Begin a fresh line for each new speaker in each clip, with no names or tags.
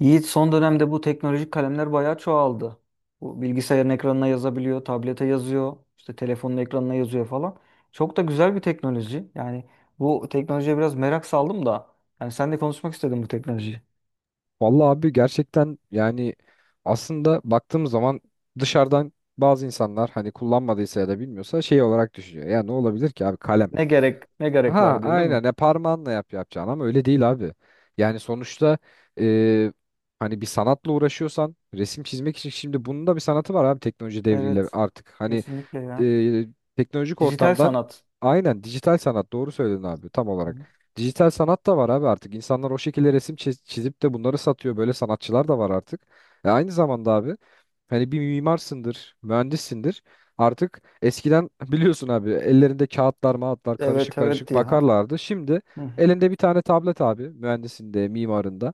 Yiğit son dönemde bu teknolojik kalemler bayağı çoğaldı. Bu bilgisayarın ekranına yazabiliyor, tablete yazıyor, işte telefonun ekranına yazıyor falan. Çok da güzel bir teknoloji. Yani bu teknolojiye biraz merak saldım da. Yani sen de konuşmak istedim bu teknolojiyi.
Vallahi abi gerçekten yani aslında baktığımız zaman dışarıdan bazı insanlar hani kullanmadıysa ya da bilmiyorsa şey olarak düşünüyor. Ya ne olabilir ki abi kalem.
Ne gerek, ne gerek
Ha
var diyor değil mi?
aynen ya parmağınla yap yapacağın ama öyle değil abi. Yani sonuçta e, hani bir sanatla uğraşıyorsan resim çizmek için şimdi bunun da bir sanatı var abi teknoloji devriyle
Evet,
artık. Hani
kesinlikle ya.
e, teknolojik
Dijital
ortamdan
sanat.
aynen dijital sanat doğru söyledin abi tam
Hı
olarak.
hı.
Dijital sanat da var abi artık. İnsanlar o şekilde resim çizip de bunları satıyor. Böyle sanatçılar da var artık. E aynı zamanda abi hani bir mimarsındır, mühendissindir. Artık eskiden biliyorsun abi ellerinde kağıtlar, mağıtlar karışık
Evet, evet
karışık
ya.
bakarlardı. Şimdi
Hı hı.
elinde bir tane tablet abi mühendisinde, mimarında.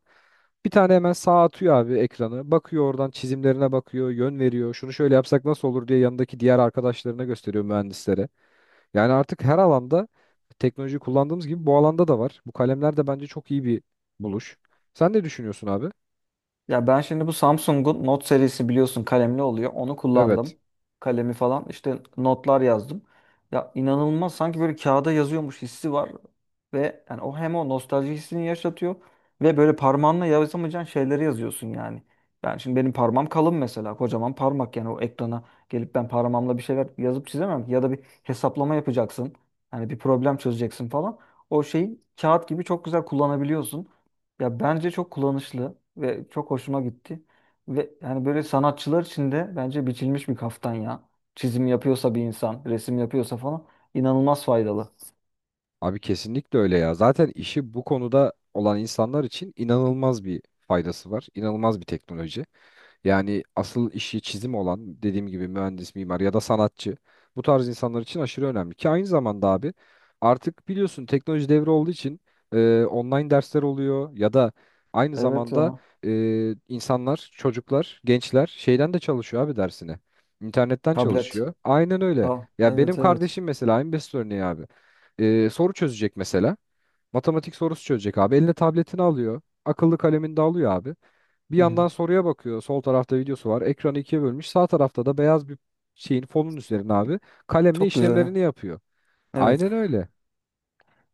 Bir tane hemen sağa atıyor abi ekranı. Bakıyor oradan çizimlerine bakıyor, yön veriyor. Şunu şöyle yapsak nasıl olur diye yanındaki diğer arkadaşlarına gösteriyor mühendislere. Yani artık her alanda teknoloji kullandığımız gibi bu alanda da var. Bu kalemler de bence çok iyi bir buluş. Sen ne düşünüyorsun abi?
Ya ben şimdi bu Samsung'un Note serisi biliyorsun kalemli oluyor. Onu
Evet.
kullandım. Kalemi falan işte notlar yazdım. Ya inanılmaz sanki böyle kağıda yazıyormuş hissi var. Ve yani o hem o nostalji hissini yaşatıyor ve böyle parmağınla yazamayacağın şeyleri yazıyorsun yani. Ben şimdi benim parmağım kalın mesela kocaman parmak yani o ekrana gelip ben parmağımla bir şeyler yazıp çizemem ki. Ya da bir hesaplama yapacaksın. Hani bir problem çözeceksin falan. O şeyi kağıt gibi çok güzel kullanabiliyorsun. Ya bence çok kullanışlı ve çok hoşuma gitti. Ve yani böyle sanatçılar için de bence biçilmiş bir kaftan ya. Çizim yapıyorsa bir insan, resim yapıyorsa falan inanılmaz faydalı.
Abi kesinlikle öyle ya. Zaten işi bu konuda olan insanlar için inanılmaz bir faydası var. İnanılmaz bir teknoloji. Yani asıl işi çizim olan dediğim gibi mühendis, mimar ya da sanatçı bu tarz insanlar için aşırı önemli. Ki aynı zamanda abi artık biliyorsun teknoloji devri olduğu için online dersler oluyor ya da aynı
Evet
zamanda
ya.
e, insanlar, çocuklar, gençler şeyden de çalışıyor abi dersine. İnternetten
Tablet.
çalışıyor. Aynen öyle.
Aa,
Ya benim
evet evet.
kardeşim mesela en basit örneği abi soru çözecek mesela. Matematik sorusu çözecek abi. Eline tabletini alıyor. Akıllı kalemini de alıyor abi. Bir
Hı hı.
yandan soruya bakıyor. Sol tarafta videosu var. Ekranı ikiye bölmüş. Sağ tarafta da beyaz bir şeyin fonun üzerine abi kalemle
Çok güzel.
işlemlerini yapıyor.
Evet.
Aynen öyle.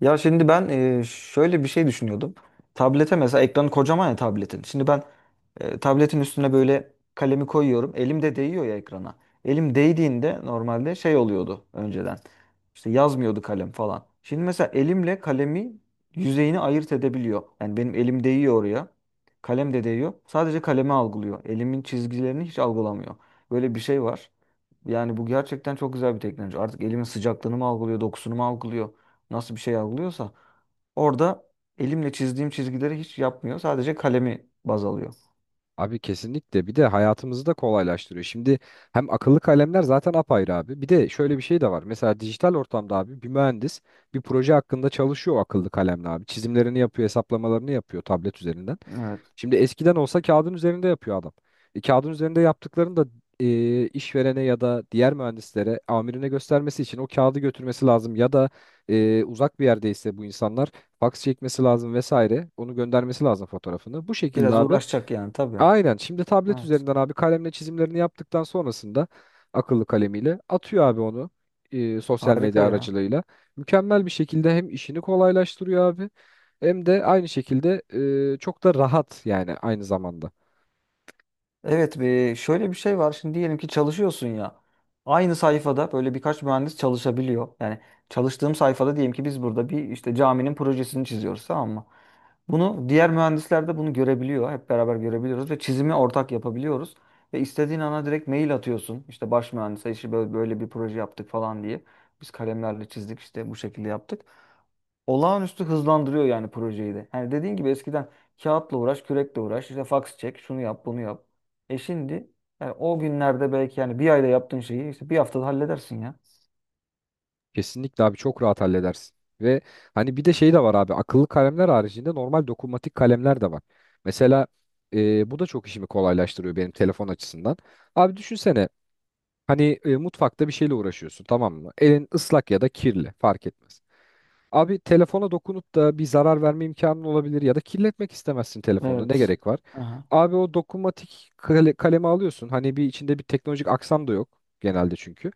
Ya şimdi ben şöyle bir şey düşünüyordum. Tablete mesela ekranı kocaman ya tabletin. Şimdi ben tabletin üstüne böyle kalemi koyuyorum. Elim de değiyor ya ekrana. Elim değdiğinde normalde şey oluyordu önceden. İşte yazmıyordu kalem falan. Şimdi mesela elimle kalemi yüzeyini ayırt edebiliyor. Yani benim elim değiyor oraya. Kalem de değiyor. Sadece kalemi algılıyor. Elimin çizgilerini hiç algılamıyor. Böyle bir şey var. Yani bu gerçekten çok güzel bir teknoloji. Artık elimin sıcaklığını mı algılıyor, dokusunu mu algılıyor? Nasıl bir şey algılıyorsa orada elimle çizdiğim çizgileri hiç yapmıyor. Sadece kalemi baz alıyor.
Abi kesinlikle bir de hayatımızı da kolaylaştırıyor. Şimdi hem akıllı kalemler zaten apayrı abi. Bir de şöyle bir şey de var. Mesela dijital ortamda abi bir mühendis bir proje hakkında çalışıyor o akıllı kalemle abi. Çizimlerini yapıyor, hesaplamalarını yapıyor tablet üzerinden.
Evet.
Şimdi eskiden olsa kağıdın üzerinde yapıyor adam. E, kağıdın üzerinde yaptıklarını da işverene ya da diğer mühendislere, amirine göstermesi için o kağıdı götürmesi lazım ya da uzak bir yerdeyse bu insanlar faks çekmesi lazım vesaire. Onu göndermesi lazım fotoğrafını. Bu şekilde
Biraz
abi.
uğraşacak yani tabii.
Aynen. Şimdi tablet
Evet.
üzerinden abi kalemle çizimlerini yaptıktan sonrasında akıllı kalemiyle atıyor abi onu sosyal
Harika
medya
ya.
aracılığıyla. Mükemmel bir şekilde hem işini kolaylaştırıyor abi hem de aynı şekilde çok da rahat yani aynı zamanda.
Evet, bir şöyle bir şey var. Şimdi diyelim ki çalışıyorsun ya. Aynı sayfada böyle birkaç mühendis çalışabiliyor. Yani çalıştığım sayfada diyelim ki biz burada bir işte caminin projesini çiziyoruz, tamam mı? Bunu diğer mühendisler de bunu görebiliyor. Hep beraber görebiliyoruz ve çizimi ortak yapabiliyoruz. Ve istediğin ana direkt mail atıyorsun. İşte baş mühendise işte böyle, böyle bir proje yaptık falan diye. Biz kalemlerle çizdik işte bu şekilde yaptık olağanüstü hızlandırıyor yani projeyi de. Yani dediğin gibi eskiden kağıtla uğraş, kürekle uğraş, işte faks çek, şunu yap, bunu yap. E şimdi yani o günlerde belki yani bir ayda yaptığın şeyi işte bir haftada halledersin ya.
Kesinlikle abi çok rahat halledersin. Ve hani bir de şey de var abi akıllı kalemler haricinde normal dokunmatik kalemler de var. Mesela bu da çok işimi kolaylaştırıyor benim telefon açısından. Abi düşünsene. Hani mutfakta bir şeyle uğraşıyorsun tamam mı? Elin ıslak ya da kirli fark etmez. Abi telefona dokunup da bir zarar verme imkanın olabilir ya da kirletmek istemezsin telefonunu ne
Evet.
gerek var?
Aha.
Abi o dokunmatik kalemi alıyorsun. Hani bir içinde bir teknolojik aksam da yok genelde çünkü.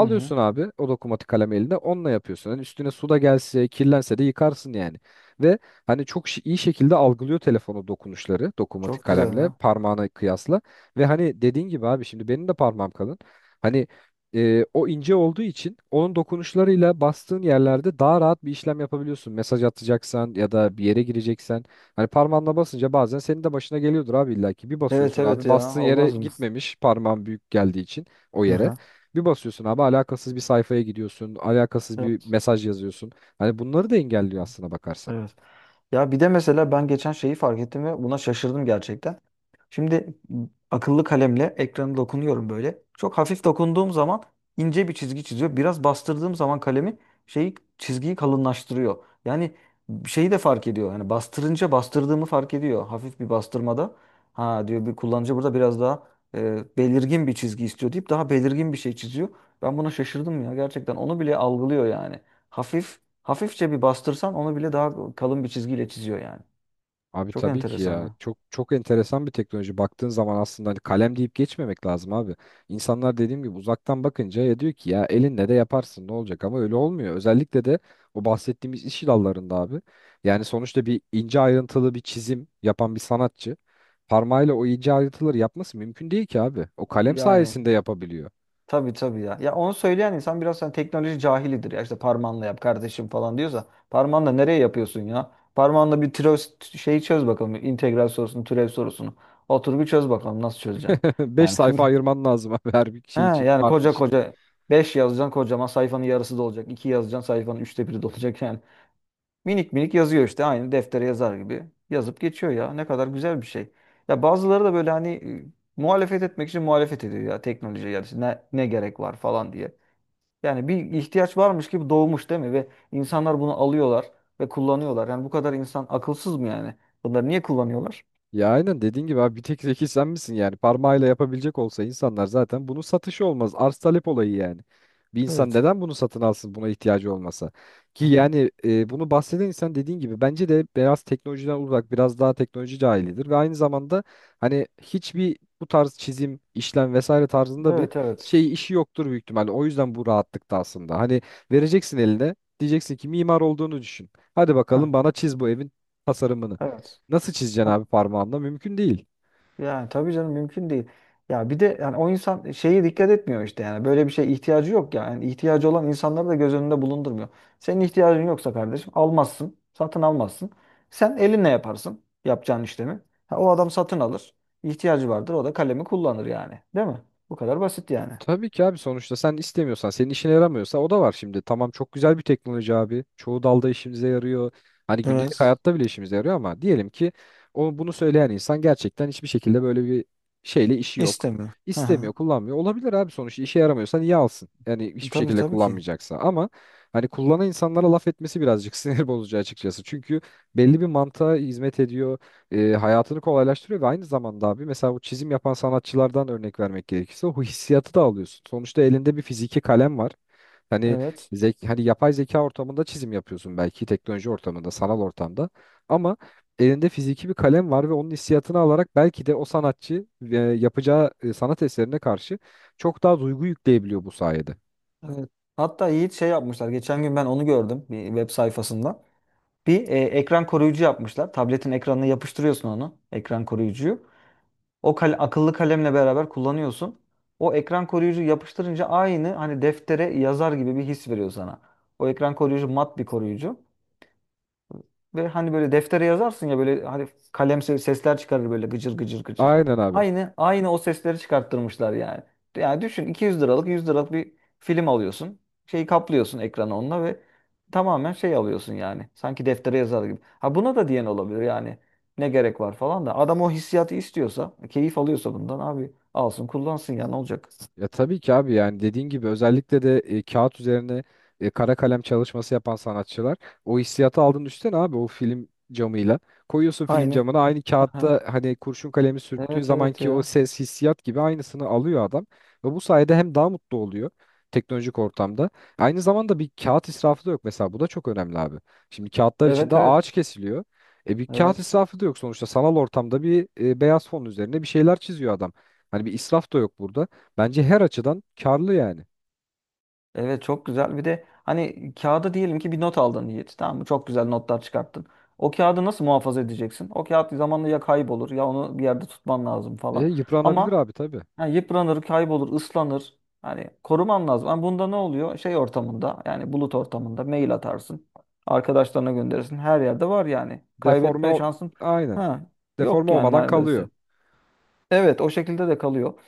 Hı hı.
abi o dokunmatik kalemi eline onunla yapıyorsun. Hani üstüne su da gelse kirlense de yıkarsın yani. Ve hani çok iyi şekilde algılıyor telefonu dokunuşları dokunmatik
Çok güzel
kalemle
ya.
parmağına kıyasla. Ve hani dediğin gibi abi şimdi benim de parmağım kalın. Hani o ince olduğu için onun dokunuşlarıyla bastığın yerlerde daha rahat bir işlem yapabiliyorsun. Mesaj atacaksan ya da bir yere gireceksen. Hani parmağınla basınca bazen senin de başına geliyordur abi illa ki. Bir
Evet
basıyorsun
evet
abi bastığın
ya.
yere
Olmaz mı?
gitmemiş parmağın büyük geldiği için o
Hı
yere.
hı.
Bir basıyorsun abi alakasız bir sayfaya gidiyorsun. Alakasız bir
Evet.
mesaj yazıyorsun. Hani bunları da engelliyor aslına bakarsan.
Evet. Ya bir de mesela ben geçen şeyi fark ettim ve buna şaşırdım gerçekten. Şimdi akıllı kalemle ekranı dokunuyorum böyle. Çok hafif dokunduğum zaman ince bir çizgi çiziyor. Biraz bastırdığım zaman kalemi şeyi çizgiyi kalınlaştırıyor. Yani şeyi de fark ediyor. Yani bastırınca bastırdığımı fark ediyor. Hafif bir bastırmada. Ha diyor bir kullanıcı burada biraz daha belirgin bir çizgi istiyor deyip daha belirgin bir şey çiziyor. Ben buna şaşırdım ya gerçekten. Onu bile algılıyor yani. Hafif Hafifçe bir bastırsan onu bile daha kalın bir çizgiyle çiziyor yani.
Abi
Çok
tabii ki
enteresan
ya.
ha.
Çok çok enteresan bir teknoloji. Baktığın zaman aslında hani kalem deyip geçmemek lazım abi. İnsanlar dediğim gibi uzaktan bakınca ya diyor ki ya elinle de yaparsın ne olacak ama öyle olmuyor. Özellikle de o bahsettiğimiz iş dallarında abi. Yani sonuçta bir ince ayrıntılı bir çizim yapan bir sanatçı parmağıyla o ince ayrıntıları yapması mümkün değil ki abi. O kalem
Yani
sayesinde yapabiliyor.
tabii tabii ya. Ya onu söyleyen insan biraz hani teknoloji cahilidir. Ya işte parmağınla yap kardeşim falan diyorsa parmağınla nereye yapıyorsun ya? Parmağınla bir türev şeyi çöz bakalım. İntegral sorusunu, türev sorusunu. Otur bir çöz bakalım nasıl çözeceksin.
Beş
Yani
sayfa ayırman lazım abi her bir
he,
şey için,
yani
harf
koca
için.
koca 5 yazacaksın kocaman sayfanın yarısı dolacak. İki yazacaksın sayfanın üçte biri dolacak yani. Minik minik yazıyor işte aynı deftere yazar gibi. Yazıp geçiyor ya. Ne kadar güzel bir şey. Ya bazıları da böyle hani muhalefet etmek için muhalefet ediyor ya teknoloji yani işte ne, ne gerek var falan diye. Yani bir ihtiyaç varmış gibi doğmuş değil mi? Ve insanlar bunu alıyorlar ve kullanıyorlar. Yani bu kadar insan akılsız mı yani? Bunları niye kullanıyorlar?
Ya aynen dediğin gibi abi bir tek zeki sen misin yani parmağıyla yapabilecek olsa insanlar zaten bunun satışı olmaz arz talep olayı yani. Bir insan
Evet.
neden bunu satın alsın buna ihtiyacı olmasa ki
Aha.
yani bunu bahseden insan dediğin gibi bence de biraz teknolojiden uzak biraz daha teknoloji cahilidir ve aynı zamanda hani hiçbir bu tarz çizim işlem vesaire tarzında bir
Evet evet.
şey işi yoktur büyük ihtimalle o yüzden bu rahatlıkta aslında hani vereceksin eline diyeceksin ki mimar olduğunu düşün hadi
Heh,
bakalım bana çiz bu evin tasarımını.
evet.
Nasıl çizeceksin abi parmağınla? Mümkün değil.
Yani tabii canım mümkün değil. Ya bir de yani o insan şeyi dikkat etmiyor işte yani böyle bir şeye ihtiyacı yok ya. Yani ihtiyacı olan insanları da göz önünde bulundurmuyor. Senin ihtiyacın yoksa kardeşim almazsın, satın almazsın. Sen elinle yaparsın yapacağın işlemi. Ha, o adam satın alır. İhtiyacı vardır o da kalemi kullanır yani. Değil mi? Bu kadar basit yani.
Tabii ki abi sonuçta sen istemiyorsan, senin işine yaramıyorsa o da var şimdi. Tamam çok güzel bir teknoloji abi. Çoğu dalda işimize yarıyor. Hani gündelik
Evet.
hayatta bile işimize yarıyor ama diyelim ki o bunu söyleyen insan gerçekten hiçbir şekilde böyle bir şeyle işi yok.
İstemiyor. Hı hı.
İstemiyor, kullanmıyor. Olabilir abi sonuçta işe yaramıyorsa niye alsın? Yani hiçbir
Tabii
şekilde
tabii ki.
kullanmayacaksa. Ama hani kullanan insanlara laf etmesi birazcık sinir bozucu açıkçası. Çünkü belli bir mantığa hizmet ediyor. Hayatını kolaylaştırıyor ve aynı zamanda abi mesela bu çizim yapan sanatçılardan örnek vermek gerekirse o hissiyatı da alıyorsun. Sonuçta elinde bir fiziki kalem var. Hani
Evet.
hani yapay zeka ortamında çizim yapıyorsun belki teknoloji ortamında, sanal ortamda. Ama elinde fiziki bir kalem var ve onun hissiyatını alarak belki de o sanatçı yapacağı sanat eserine karşı çok daha duygu yükleyebiliyor bu sayede.
Evet. Hatta Yiğit şey yapmışlar. Geçen gün ben onu gördüm bir web sayfasında. Bir ekran koruyucu yapmışlar. Tabletin ekranına yapıştırıyorsun onu. Ekran koruyucuyu. O akıllı kalemle beraber kullanıyorsun. O ekran koruyucu yapıştırınca aynı hani deftere yazar gibi bir his veriyor sana. O ekran koruyucu mat bir koruyucu. Ve hani böyle deftere yazarsın ya böyle hani kalem sesler çıkarır böyle gıcır gıcır gıcır.
Aynen abi.
Aynı aynı o sesleri çıkarttırmışlar yani. Yani düşün 200 liralık 100 liralık bir film alıyorsun. Şeyi kaplıyorsun ekranı onunla ve tamamen şey alıyorsun yani. Sanki deftere yazar gibi. Ha buna da diyen olabilir yani. Ne gerek var falan da. Adam o hissiyatı istiyorsa, keyif alıyorsa bundan abi alsın kullansın ya ne olacak?
Ya tabii ki abi yani dediğin gibi özellikle de kağıt üzerine kara kalem çalışması yapan sanatçılar o hissiyatı aldın üstten abi o film camıyla. Koyuyorsun film
Aynı.
camına aynı
Aha.
kağıtta hani kurşun kalemi sürttüğün
Evet evet
zamanki o
ya.
ses hissiyat gibi aynısını alıyor adam. Ve bu sayede hem daha mutlu oluyor teknolojik ortamda. Aynı zamanda bir kağıt israfı da yok mesela bu da çok önemli abi. Şimdi kağıtlar içinde
Evet evet.
ağaç kesiliyor. E bir kağıt
Evet.
israfı da yok sonuçta sanal ortamda bir beyaz fon üzerine bir şeyler çiziyor adam. Hani bir israf da yok burada. Bence her açıdan karlı yani.
Evet çok güzel. Bir de hani kağıda diyelim ki bir not aldın Yiğit. Tamam mı? Çok güzel notlar çıkarttın. O kağıdı nasıl muhafaza edeceksin? O kağıt zamanla ya kaybolur ya onu bir yerde tutman lazım
E,
falan.
yıpranabilir
Ama
abi tabii.
yani yıpranır, kaybolur, ıslanır. Hani koruman lazım. Ama bunda ne oluyor? Şey ortamında yani bulut ortamında mail atarsın. Arkadaşlarına gönderirsin. Her yerde var yani.
Deforme
Kaybetme
ol...
şansın
Aynen.
ha,
Deforme
yok yani
olmadan kalıyor.
neredeyse. Evet o şekilde de kalıyor.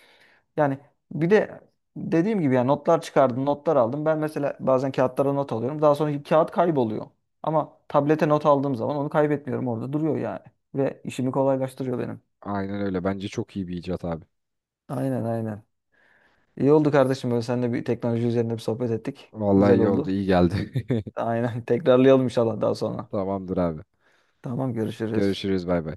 Yani bir de dediğim gibi yani notlar çıkardım, notlar aldım. Ben mesela bazen kağıtlara not alıyorum. Daha sonra kağıt kayboluyor. Ama tablete not aldığım zaman onu kaybetmiyorum. Orada duruyor yani. Ve işimi kolaylaştırıyor benim.
Aynen öyle. Bence çok iyi bir icat abi.
Aynen aynen. İyi oldu kardeşim böyle seninle bir teknoloji üzerine bir sohbet ettik.
Vallahi
Güzel
iyi oldu,
oldu.
iyi geldi.
Aynen. Tekrarlayalım inşallah daha sonra.
Tamamdır abi.
Tamam görüşürüz.
Görüşürüz, bay bay.